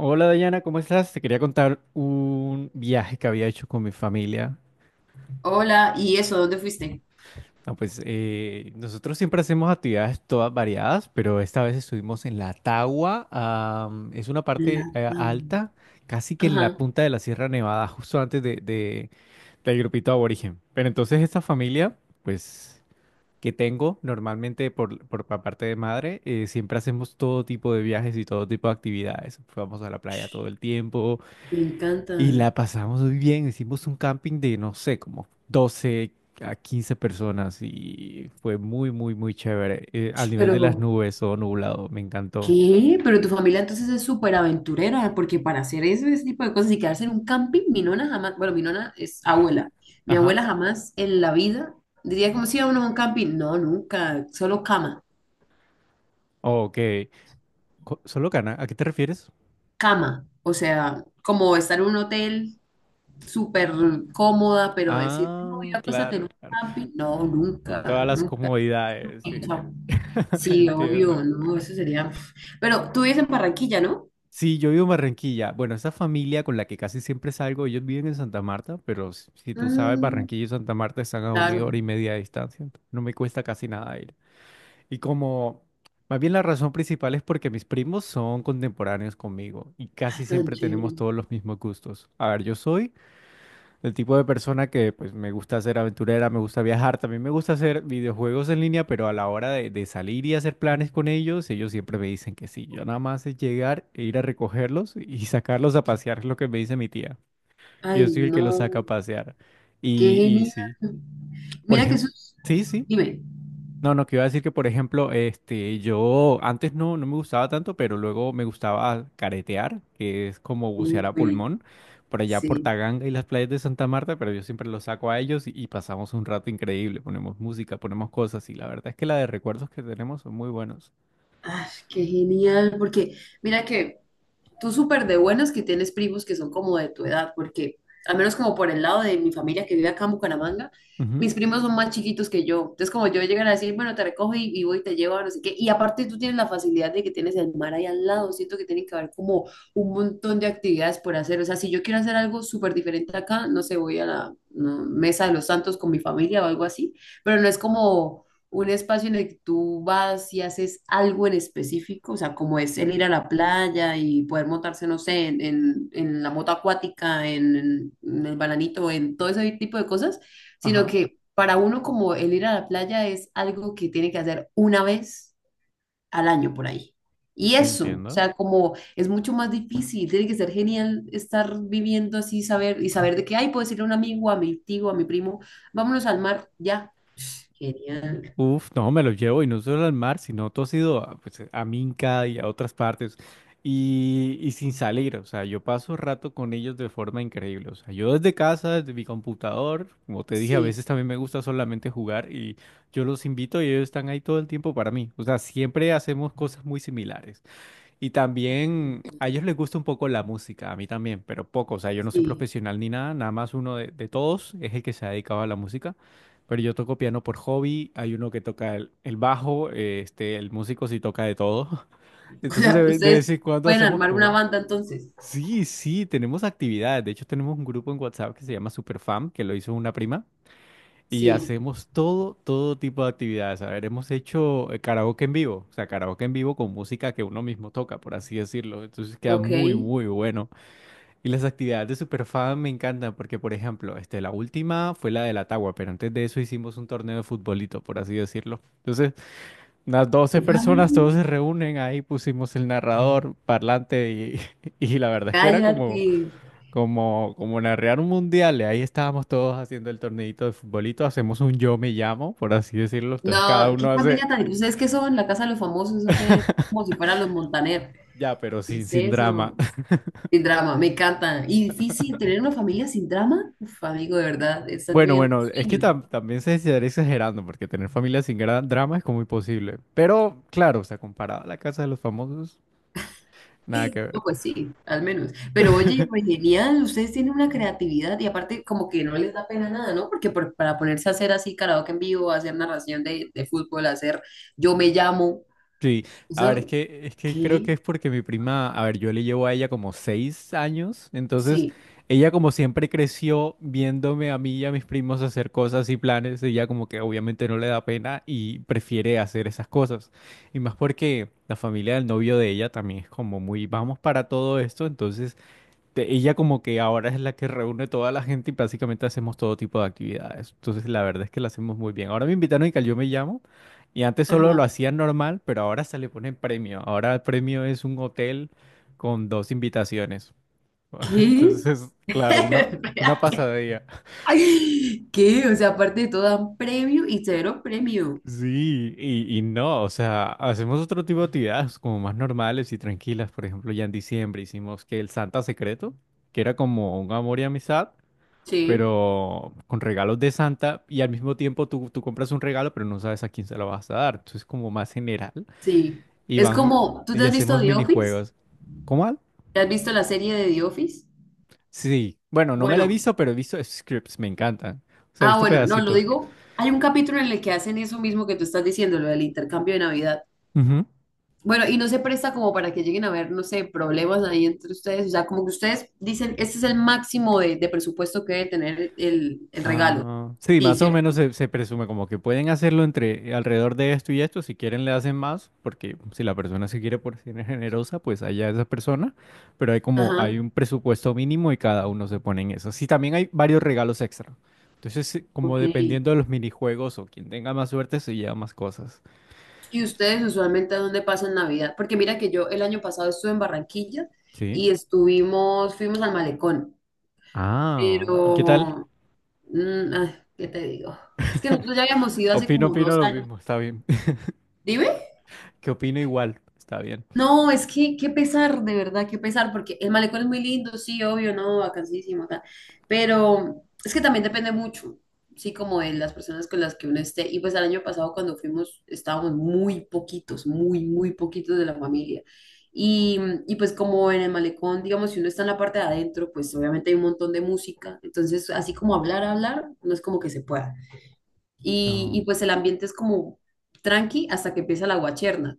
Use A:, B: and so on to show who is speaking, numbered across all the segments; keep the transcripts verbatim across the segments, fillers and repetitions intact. A: Hola Dayana, ¿cómo estás? Te quería contar un viaje que había hecho con mi familia.
B: Hola, ¿y eso? ¿Dónde fuiste?
A: Ah, pues eh, nosotros siempre hacemos actividades todas variadas, pero esta vez estuvimos en la Tagua. Am, es una parte
B: La
A: eh,
B: Pam.
A: alta, casi que en la
B: Ajá.
A: punta de la Sierra Nevada, justo antes de, de- del grupito aborigen. Pero entonces esta familia, pues que tengo normalmente por, por pa- parte de madre, eh, siempre hacemos todo tipo de viajes y todo tipo de actividades. Vamos a la playa todo
B: Sh,
A: el tiempo.
B: me
A: Y
B: encanta.
A: la pasamos muy bien, hicimos un camping de, no sé, como doce a quince personas y fue muy, muy, muy chévere. Eh, al
B: Sh,
A: nivel de las
B: pero,
A: nubes, o nublado, me encantó.
B: ¿qué? Pero tu familia entonces es súper aventurera, porque para hacer ese, ese tipo de cosas y quedarse en un camping, mi nona jamás, bueno, mi nona es abuela. Mi
A: Ajá.
B: abuela jamás en la vida diría como si iba uno a un camping. No, nunca, solo cama,
A: Ok. Co- ¿Solo Cana? ¿A qué te refieres?
B: cama. O sea, como estar en un hotel súper cómoda, pero decir, no, voy
A: Ah,
B: a acostarte en
A: claro,
B: un
A: claro.
B: camping. No,
A: Con todas
B: nunca,
A: las
B: nunca.
A: comodidades, sí.
B: Chao. Sí,
A: Entiendo.
B: obvio, no, eso sería. Pero tú vives en Barranquilla, ¿no?
A: Sí, yo vivo en Barranquilla. Bueno, esa familia con la que casi siempre salgo, ellos viven en Santa Marta, pero si, si tú sabes,
B: Ah,
A: Barranquilla y Santa Marta están a una
B: claro.
A: hora y media de distancia. Entonces no me cuesta casi nada ir. Y como, más bien la razón principal es porque mis primos son contemporáneos conmigo y
B: Ay,
A: casi
B: tan
A: siempre
B: chévere.
A: tenemos todos los mismos gustos. A ver, yo soy el tipo de persona que pues me gusta ser aventurera, me gusta viajar, también me gusta hacer videojuegos en línea, pero a la hora de, de salir y hacer planes con ellos, ellos siempre me dicen que sí. Yo nada más es llegar e ir a recogerlos y sacarlos a pasear, es lo que me dice mi tía.
B: Ay,
A: Yo soy el que los
B: no,
A: saca a pasear.
B: qué
A: Y, y
B: genial.
A: sí, por
B: Mira que eso
A: ejemplo,
B: es...
A: sí, sí.
B: Dime.
A: No, no, que iba a decir que, por ejemplo, este, yo antes no, no me gustaba tanto, pero luego me gustaba caretear, que es como bucear a
B: Uy,
A: pulmón, por allá por
B: sí.
A: Taganga y las playas de Santa Marta, pero yo siempre los saco a ellos y, y pasamos un rato increíble, ponemos música, ponemos cosas y la verdad es que la de recuerdos que tenemos son muy buenos.
B: Ay, qué genial, porque mira que tú súper de buenas que tienes primos que son como de tu edad, porque al menos como por el lado de mi familia que vive acá en Bucaramanga,
A: Ujú,
B: mis primos son más chiquitos que yo. Entonces como yo llegan a decir, bueno, te recojo y, y voy y te llevo, no sé qué. Y aparte tú tienes la facilidad de que tienes el mar ahí al lado. Siento que tiene que haber como un montón de actividades por hacer. O sea, si yo quiero hacer algo súper diferente acá, no sé, voy a la no, Mesa de los Santos con mi familia o algo así, pero no es como un espacio en el que tú vas y haces algo en específico, o sea, como es el ir a la playa y poder montarse, no sé, en, en, en la moto acuática, en, en- en el bananito, en todo ese tipo de cosas, sino
A: ajá,
B: que para uno como el ir a la playa es algo que tiene que hacer una vez al año por ahí. Y eso, o
A: entiendo.
B: sea, como es mucho más difícil, tiene que ser genial estar viviendo así, saber y saber de qué hay, puedo decirle a un amigo, a mi tío, a mi primo, vámonos al mar, ya. Genial.
A: Uf, no, me lo llevo y no solo al mar, sino todo ha sido a, pues, a Minca y a otras partes y, y sin salir, o sea, yo paso rato con ellos de forma increíble, o sea, yo desde casa, desde mi computador, como te dije, a
B: Sí,
A: veces también me gusta solamente jugar y yo los invito y ellos están ahí todo el tiempo para mí, o sea, siempre hacemos cosas muy similares. Y también a ellos les gusta un poco la música, a mí también, pero poco. O sea, yo no soy
B: sí.
A: profesional ni nada, nada más uno de, de todos es el que se ha dedicado a la música. Pero yo toco piano por hobby, hay uno que toca el, el bajo, eh, este, el músico sí toca de todo.
B: O
A: Entonces de,
B: sea,
A: ve- de
B: ustedes
A: vez en cuando
B: pueden
A: hacemos
B: armar
A: como...
B: una banda entonces.
A: Sí, sí, tenemos actividades. De hecho, tenemos un grupo en WhatsApp que se llama Superfam, que lo hizo una prima. Y
B: Sí,
A: hacemos todo, todo tipo de actividades. A ver, hemos hecho eh, karaoke en vivo, o sea, karaoke en vivo con música que uno mismo toca, por así decirlo. Entonces queda
B: ok.
A: muy,
B: ¿Qué
A: muy bueno. Y las actividades de Superfan me encantan porque, por ejemplo, este, la última fue la de la Tagua, pero antes de eso hicimos un torneo de futbolito, por así decirlo. Entonces, unas doce personas,
B: familia?
A: todos se reúnen, ahí pusimos el narrador, parlante y, y la verdad es que era como...
B: Cállate.
A: Como, como narrar un mundial, y ahí estábamos todos haciendo el torneito de futbolito, hacemos un yo me llamo, por así decirlo, entonces cada
B: No, ¿qué
A: uno hace
B: familia tan...? ¿Ustedes qué son? ¿La casa de los famosos, eso qué es? Como si fueran los Montaner.
A: ya, pero
B: ¿Qué
A: sin,
B: es
A: sin drama.
B: eso? Sin drama, me encanta. Y difícil tener una familia sin drama. Uf, amigo, de verdad, estás
A: Bueno,
B: viviendo un
A: bueno, es que
B: sueño.
A: tam- también se estaría exagerando, porque tener familia sin gran drama es como imposible. Pero claro, o sea, comparado a la casa de los famosos, nada
B: Eh,
A: que
B: No,
A: ver.
B: pues sí, al menos. Pero oye, pues genial, ustedes tienen una creatividad y aparte como que no les da pena nada, ¿no? Porque por- para ponerse a hacer así karaoke en vivo, hacer narración de, de fútbol, hacer yo me llamo,
A: Sí, a ver, es
B: eso,
A: que, es que creo que
B: ¿qué?
A: es porque mi prima, a ver, yo le llevo a ella como seis años, entonces
B: Sí,
A: ella como siempre creció viéndome a mí y a mis primos hacer cosas y planes, ella como que obviamente no le da pena y prefiere hacer esas cosas. Y más porque la familia del novio de ella también es como muy, vamos para todo esto, entonces te- ella como que ahora es la que reúne toda la gente y básicamente hacemos todo tipo de actividades. Entonces la verdad es que lo hacemos muy bien. Ahora me invitaron y que al Yo Me Llamo, y antes solo lo
B: ajá,
A: hacían normal, pero ahora se le pone premio. Ahora el premio es un hotel con dos invitaciones.
B: ¿qué?
A: Entonces, claro, una, una
B: Espérate.
A: pasadilla.
B: ¿Qué? O sea, aparte de todo dan premio y cero premio.
A: Sí, y, y no, o sea, hacemos otro tipo de actividades como más normales y tranquilas. Por ejemplo, ya en diciembre hicimos que el Santa Secreto, que era como un amor y amistad,
B: Sí,
A: pero con regalos de Santa y al mismo tiempo tú, tú compras un regalo, pero no sabes a quién se lo vas a dar. Entonces, como más general,
B: sí.
A: y
B: Es
A: van
B: como, ¿tú te
A: y
B: has visto
A: hacemos
B: The Office?
A: minijuegos. ¿Cómo? ¿Al?
B: ¿Te has visto la serie de The Office?
A: Sí, bueno, no me la he
B: Bueno.
A: visto, pero he visto scripts, me encantan. O sea, he
B: Ah,
A: visto
B: bueno, no, lo
A: pedacitos.
B: digo. Hay un capítulo en el que hacen eso mismo que tú estás diciendo, lo del intercambio de Navidad.
A: Ujú.
B: Bueno, y no se presta como para que lleguen a haber, no sé, problemas ahí entre ustedes. O sea, como que ustedes dicen, este es el máximo de, de presupuesto que debe tener el, el regalo.
A: Ah, sí,
B: Sí,
A: más o
B: ¿cierto?
A: menos se, se presume como que pueden hacerlo entre alrededor de esto y esto. Si quieren, le hacen más, porque si la persona se quiere por ser generosa, pues allá esa persona. Pero hay como hay
B: Ajá,
A: un presupuesto mínimo y cada uno se pone en eso. Sí, también hay varios regalos extra. Entonces, sí, como
B: ok.
A: dependiendo de los minijuegos o quien tenga más suerte, se lleva más cosas.
B: ¿Y ustedes usualmente a dónde pasan Navidad? Porque mira que yo el año pasado estuve en Barranquilla
A: Sí.
B: y estuvimos, fuimos al Malecón.
A: Ah, ¿y qué tal?
B: Pero, mm, ay, ¿qué te digo? Es que nosotros ya habíamos ido hace
A: Opino,
B: como
A: opino
B: dos
A: lo
B: años.
A: mismo, está bien.
B: Dime.
A: Que opino igual, está bien.
B: No, es que qué pesar, de verdad, qué pesar, porque el malecón es muy lindo, sí, obvio, no, vacancísimo, tal. Pero es que también depende mucho, sí, como de las personas con las que uno esté. Y pues el año pasado cuando fuimos estábamos muy poquitos, muy, muy poquitos de la familia. Y, y pues como en el malecón, digamos, si uno está en la parte de adentro, pues obviamente hay un montón de música. Entonces, así como hablar, hablar, no es como que se pueda. Y, y
A: No.
B: pues el ambiente es como tranqui hasta que empieza la guacherna.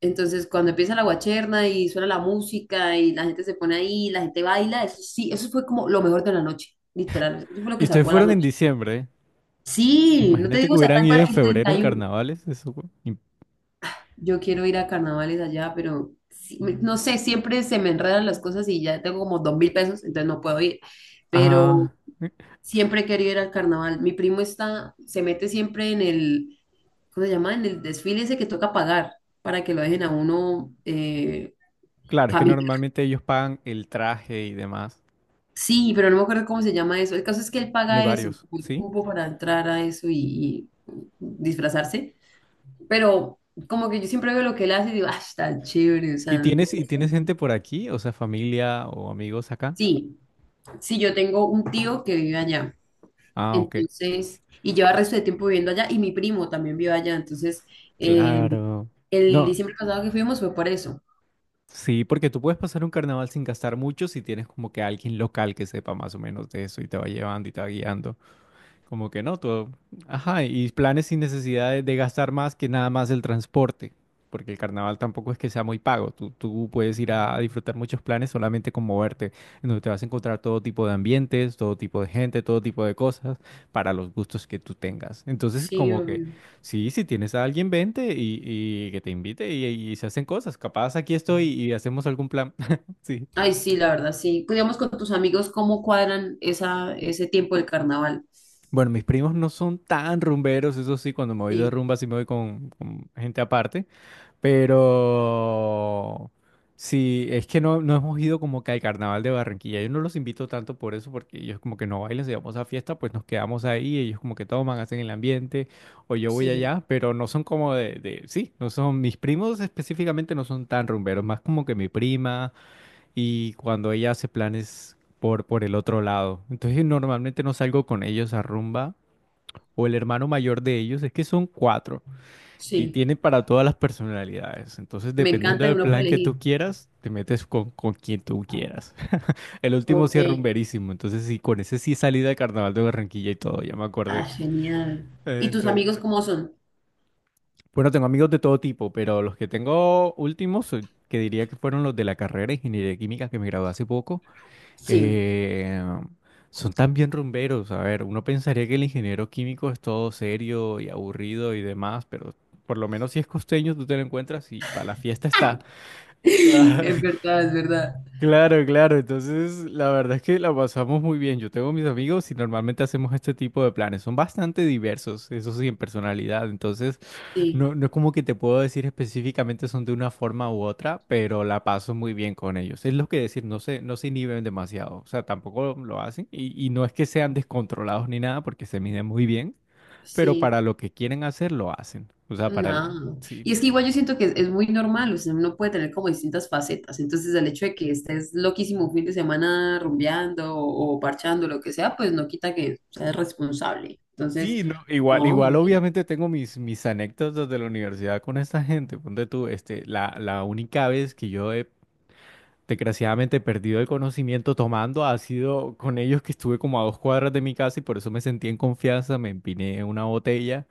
B: Entonces, cuando empieza la guacherna y suena la música y la gente se pone ahí, la gente baila, eso sí, eso fue como lo mejor de la noche, literal. Eso fue lo
A: Y
B: que
A: ustedes
B: salvó la
A: fueron en
B: noche.
A: diciembre.
B: Sí, no te
A: Imagínate
B: digo,
A: que
B: o sea,
A: hubieran
B: tal
A: ido
B: cual
A: en
B: el
A: febrero en
B: treinta y uno.
A: carnavales. Eso fue im-
B: Yo quiero ir a carnavales allá, pero sí, me- no sé, siempre se me enredan las cosas y ya tengo como dos mil pesos, entonces no puedo ir.
A: ah,
B: Pero siempre he querido ir al carnaval. Mi primo está, se mete siempre en el, ¿cómo se llama? En el desfile ese que toca pagar para que lo dejen a uno eh,
A: claro, es que normalmente ellos pagan el traje y demás.
B: sí, pero no me acuerdo cómo se llama eso. El caso es que él
A: Bueno, hay
B: paga eso,
A: varios,
B: como el
A: ¿sí?
B: cupo para entrar a eso y, y disfrazarse. Pero como que yo siempre veo lo que él hace y digo, ah, está chévere, o sea,
A: ¿Y tienes, y tienes
B: interesante.
A: gente por aquí? O sea, familia o amigos acá.
B: Sí, sí, yo tengo un tío que vive allá,
A: Ah, ok.
B: entonces, y lleva el resto de tiempo viviendo allá, y mi primo también vive allá, entonces, eh,
A: Claro.
B: el
A: No,
B: diciembre pasado que fuimos fue por eso.
A: sí, porque tú puedes pasar un carnaval sin gastar mucho si tienes como que alguien local que sepa más o menos de eso y te va llevando y te va guiando. Como que no, todo. Ajá, y planes sin necesidad de, de gastar más que nada más el transporte, porque el carnaval tampoco es que sea muy pago. Tú, tú puedes ir a, a disfrutar muchos planes solamente con moverte, en donde te vas a encontrar todo tipo de ambientes, todo tipo de gente, todo tipo de cosas para los gustos que tú tengas. Entonces,
B: Sí,
A: como que
B: obvio.
A: sí, si tienes a alguien, vente y, y que te invite y, y se hacen cosas. Capaz aquí estoy y hacemos algún plan. Sí.
B: Ay, sí, la verdad, sí. Pues, digamos con tus amigos, ¿cómo cuadran esa, ese tiempo del carnaval?
A: Bueno, mis primos no son tan rumberos, eso sí, cuando me voy de
B: Sí,
A: rumba sí me voy con, con gente aparte. Pero sí, es que no, no hemos ido como que al carnaval de Barranquilla. Yo no los invito tanto por eso, porque ellos como que no bailan, si vamos a fiesta, pues nos quedamos ahí, ellos como que toman, hacen el ambiente, o yo voy
B: sí.
A: allá, pero no son como de, de- sí, no son, mis primos específicamente no son tan rumberos, más como que mi prima y cuando ella hace planes por, por el otro lado. Entonces normalmente no salgo con ellos a rumba, o el hermano mayor de ellos, es que son cuatro. Y
B: Sí,
A: tiene para todas las personalidades. Entonces,
B: me
A: dependiendo
B: encanta y
A: del
B: uno puede
A: plan que
B: elegir.
A: tú quieras, te metes con, con quien tú quieras. El último
B: Ok,
A: sí es rumberísimo. Entonces, sí, con ese sí salí del carnaval de Barranquilla y todo, ya me
B: ah,
A: acordé.
B: genial.
A: Eh,
B: ¿Y tus
A: Entonces,
B: amigos cómo son?
A: bueno, tengo amigos de todo tipo, pero los que tengo últimos, eh, que diría que fueron los de la carrera de Ingeniería Química que me gradué hace poco,
B: Sí,
A: eh, son también rumberos. A ver, uno pensaría que el ingeniero químico es todo serio y aburrido y demás, pero por lo menos si es costeño, tú te lo encuentras y para la fiesta está. Ah,
B: es verdad, es verdad.
A: claro, claro. Entonces, la verdad es que la pasamos muy bien. Yo tengo mis amigos y normalmente hacemos este tipo de planes. Son bastante diversos, eso sí, en personalidad. Entonces,
B: Sí,
A: no, no es como que te puedo decir específicamente son de una forma u otra, pero la paso muy bien con ellos. Es lo que decir, no se, no se inhiben demasiado. O sea, tampoco lo hacen. Y, y no es que sean descontrolados ni nada, porque se miden muy bien, pero
B: sí,
A: para lo que quieren hacer, lo hacen. O sea, para la...
B: no.
A: Sí.
B: Y es que igual yo siento que es, es muy normal, o sea, uno puede tener como distintas facetas. Entonces, el hecho de que estés loquísimo un fin de semana rumbeando o, o parchando, lo que sea, pues no quita que seas responsable. Entonces,
A: Sí, no, igual,
B: no,
A: igual
B: bien,
A: obviamente tengo mis, mis anécdotas de la universidad con esta gente. Ponte tú, este, la, la única vez que yo he desgraciadamente perdido el conocimiento tomando ha sido con ellos que estuve como a dos cuadras de mi casa y por eso me sentí en confianza, me empiné una botella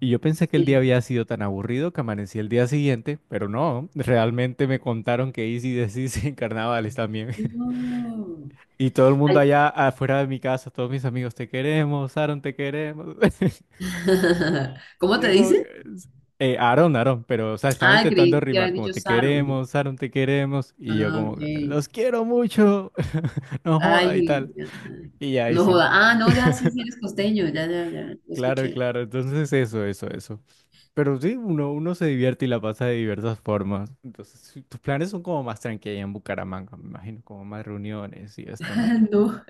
A: y yo pensé que el día
B: sí.
A: había sido tan aburrido que amanecí el día siguiente, pero no, realmente me contaron que hice y deshice en carnavales también.
B: No.
A: Y todo el mundo
B: Ay,
A: allá afuera de mi casa, todos mis amigos, te queremos, Aaron, te queremos. Y
B: ¿cómo te
A: yo como
B: dice?
A: que... Eh, Aaron, Aaron, pero, o sea, estaba
B: Ah,
A: intentando
B: creí que
A: rimar
B: habías
A: como
B: dicho
A: te
B: Saro.
A: queremos, Aaron, te queremos. Y yo
B: Ah,
A: como,
B: ok.
A: los quiero mucho, no joda y
B: Ay,
A: tal.
B: ya,
A: Y ya, ahí
B: no
A: sí,
B: joda. Ah, no, ya sí, sí eres costeño, ya, ya, ya, lo
A: claro,
B: escuché.
A: claro. Entonces eso, eso, eso. Pero sí, uno, uno se divierte y la pasa de diversas formas. Entonces, sí, tus planes son como más tranquilos en Bucaramanga, me imagino, como más reuniones y esto, ¿no?
B: No,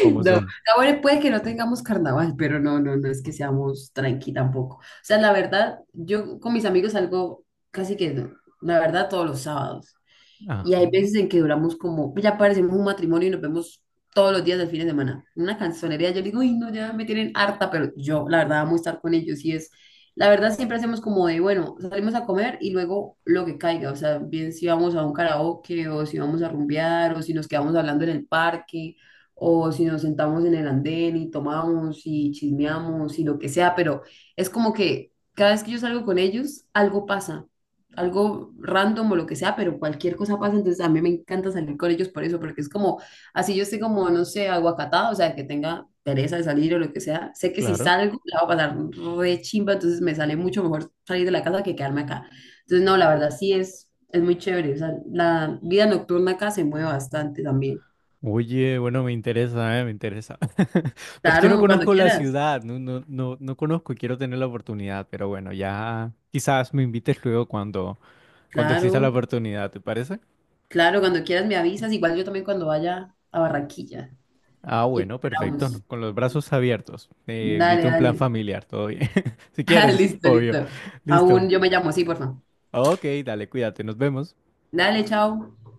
A: ¿Cómo
B: no.
A: son?
B: Ahora puede que no tengamos carnaval, pero no, no, no es que seamos tranqui tampoco. O sea, la verdad, yo con mis amigos salgo casi que, no, la verdad, todos los sábados. Y hay
A: Ajá,
B: veces en que duramos como, ya parecemos un matrimonio y nos vemos todos los días del fin de semana. Una canzonería, yo digo, uy, no, ya me tienen harta, pero yo, la verdad, amo estar con ellos y es, la verdad, siempre hacemos como de, bueno, salimos a comer y luego lo que caiga, o sea, bien si vamos a un karaoke o si vamos a rumbear o si nos quedamos hablando en el parque o si nos sentamos en el andén y tomamos y chismeamos y lo que sea, pero es como que cada vez que yo salgo con ellos, algo pasa algo random o lo que sea, pero cualquier cosa pasa, entonces a mí me encanta salir con ellos por eso, porque es como, así yo estoy como, no sé, aguacatada, o sea, que tenga pereza de salir o lo que sea, sé que si
A: claro.
B: salgo la va a pasar re chimba, entonces me sale mucho mejor salir de la casa que quedarme acá. Entonces, no, la verdad sí es, es muy chévere, o sea, la vida nocturna acá se mueve bastante también.
A: Oye, bueno, me interesa, ¿eh? Me interesa. Pero es que no
B: Claro, cuando
A: conozco la
B: quieras,
A: ciudad, no, no, no, no conozco y quiero tener la oportunidad, pero bueno, ya quizás me invites luego cuando, cuando exista la
B: claro,
A: oportunidad, ¿te parece?
B: claro, cuando quieras.
A: Ah, bueno, perfecto, ¿no? Con los brazos abiertos. Te invito a un plan familiar, todo bien. Si quieres,
B: Listo,
A: obvio.
B: listo.
A: Listo.
B: Aún yo me llamo, sí, por favor.
A: Ok, dale, cuídate, nos vemos.
B: Dale, chao.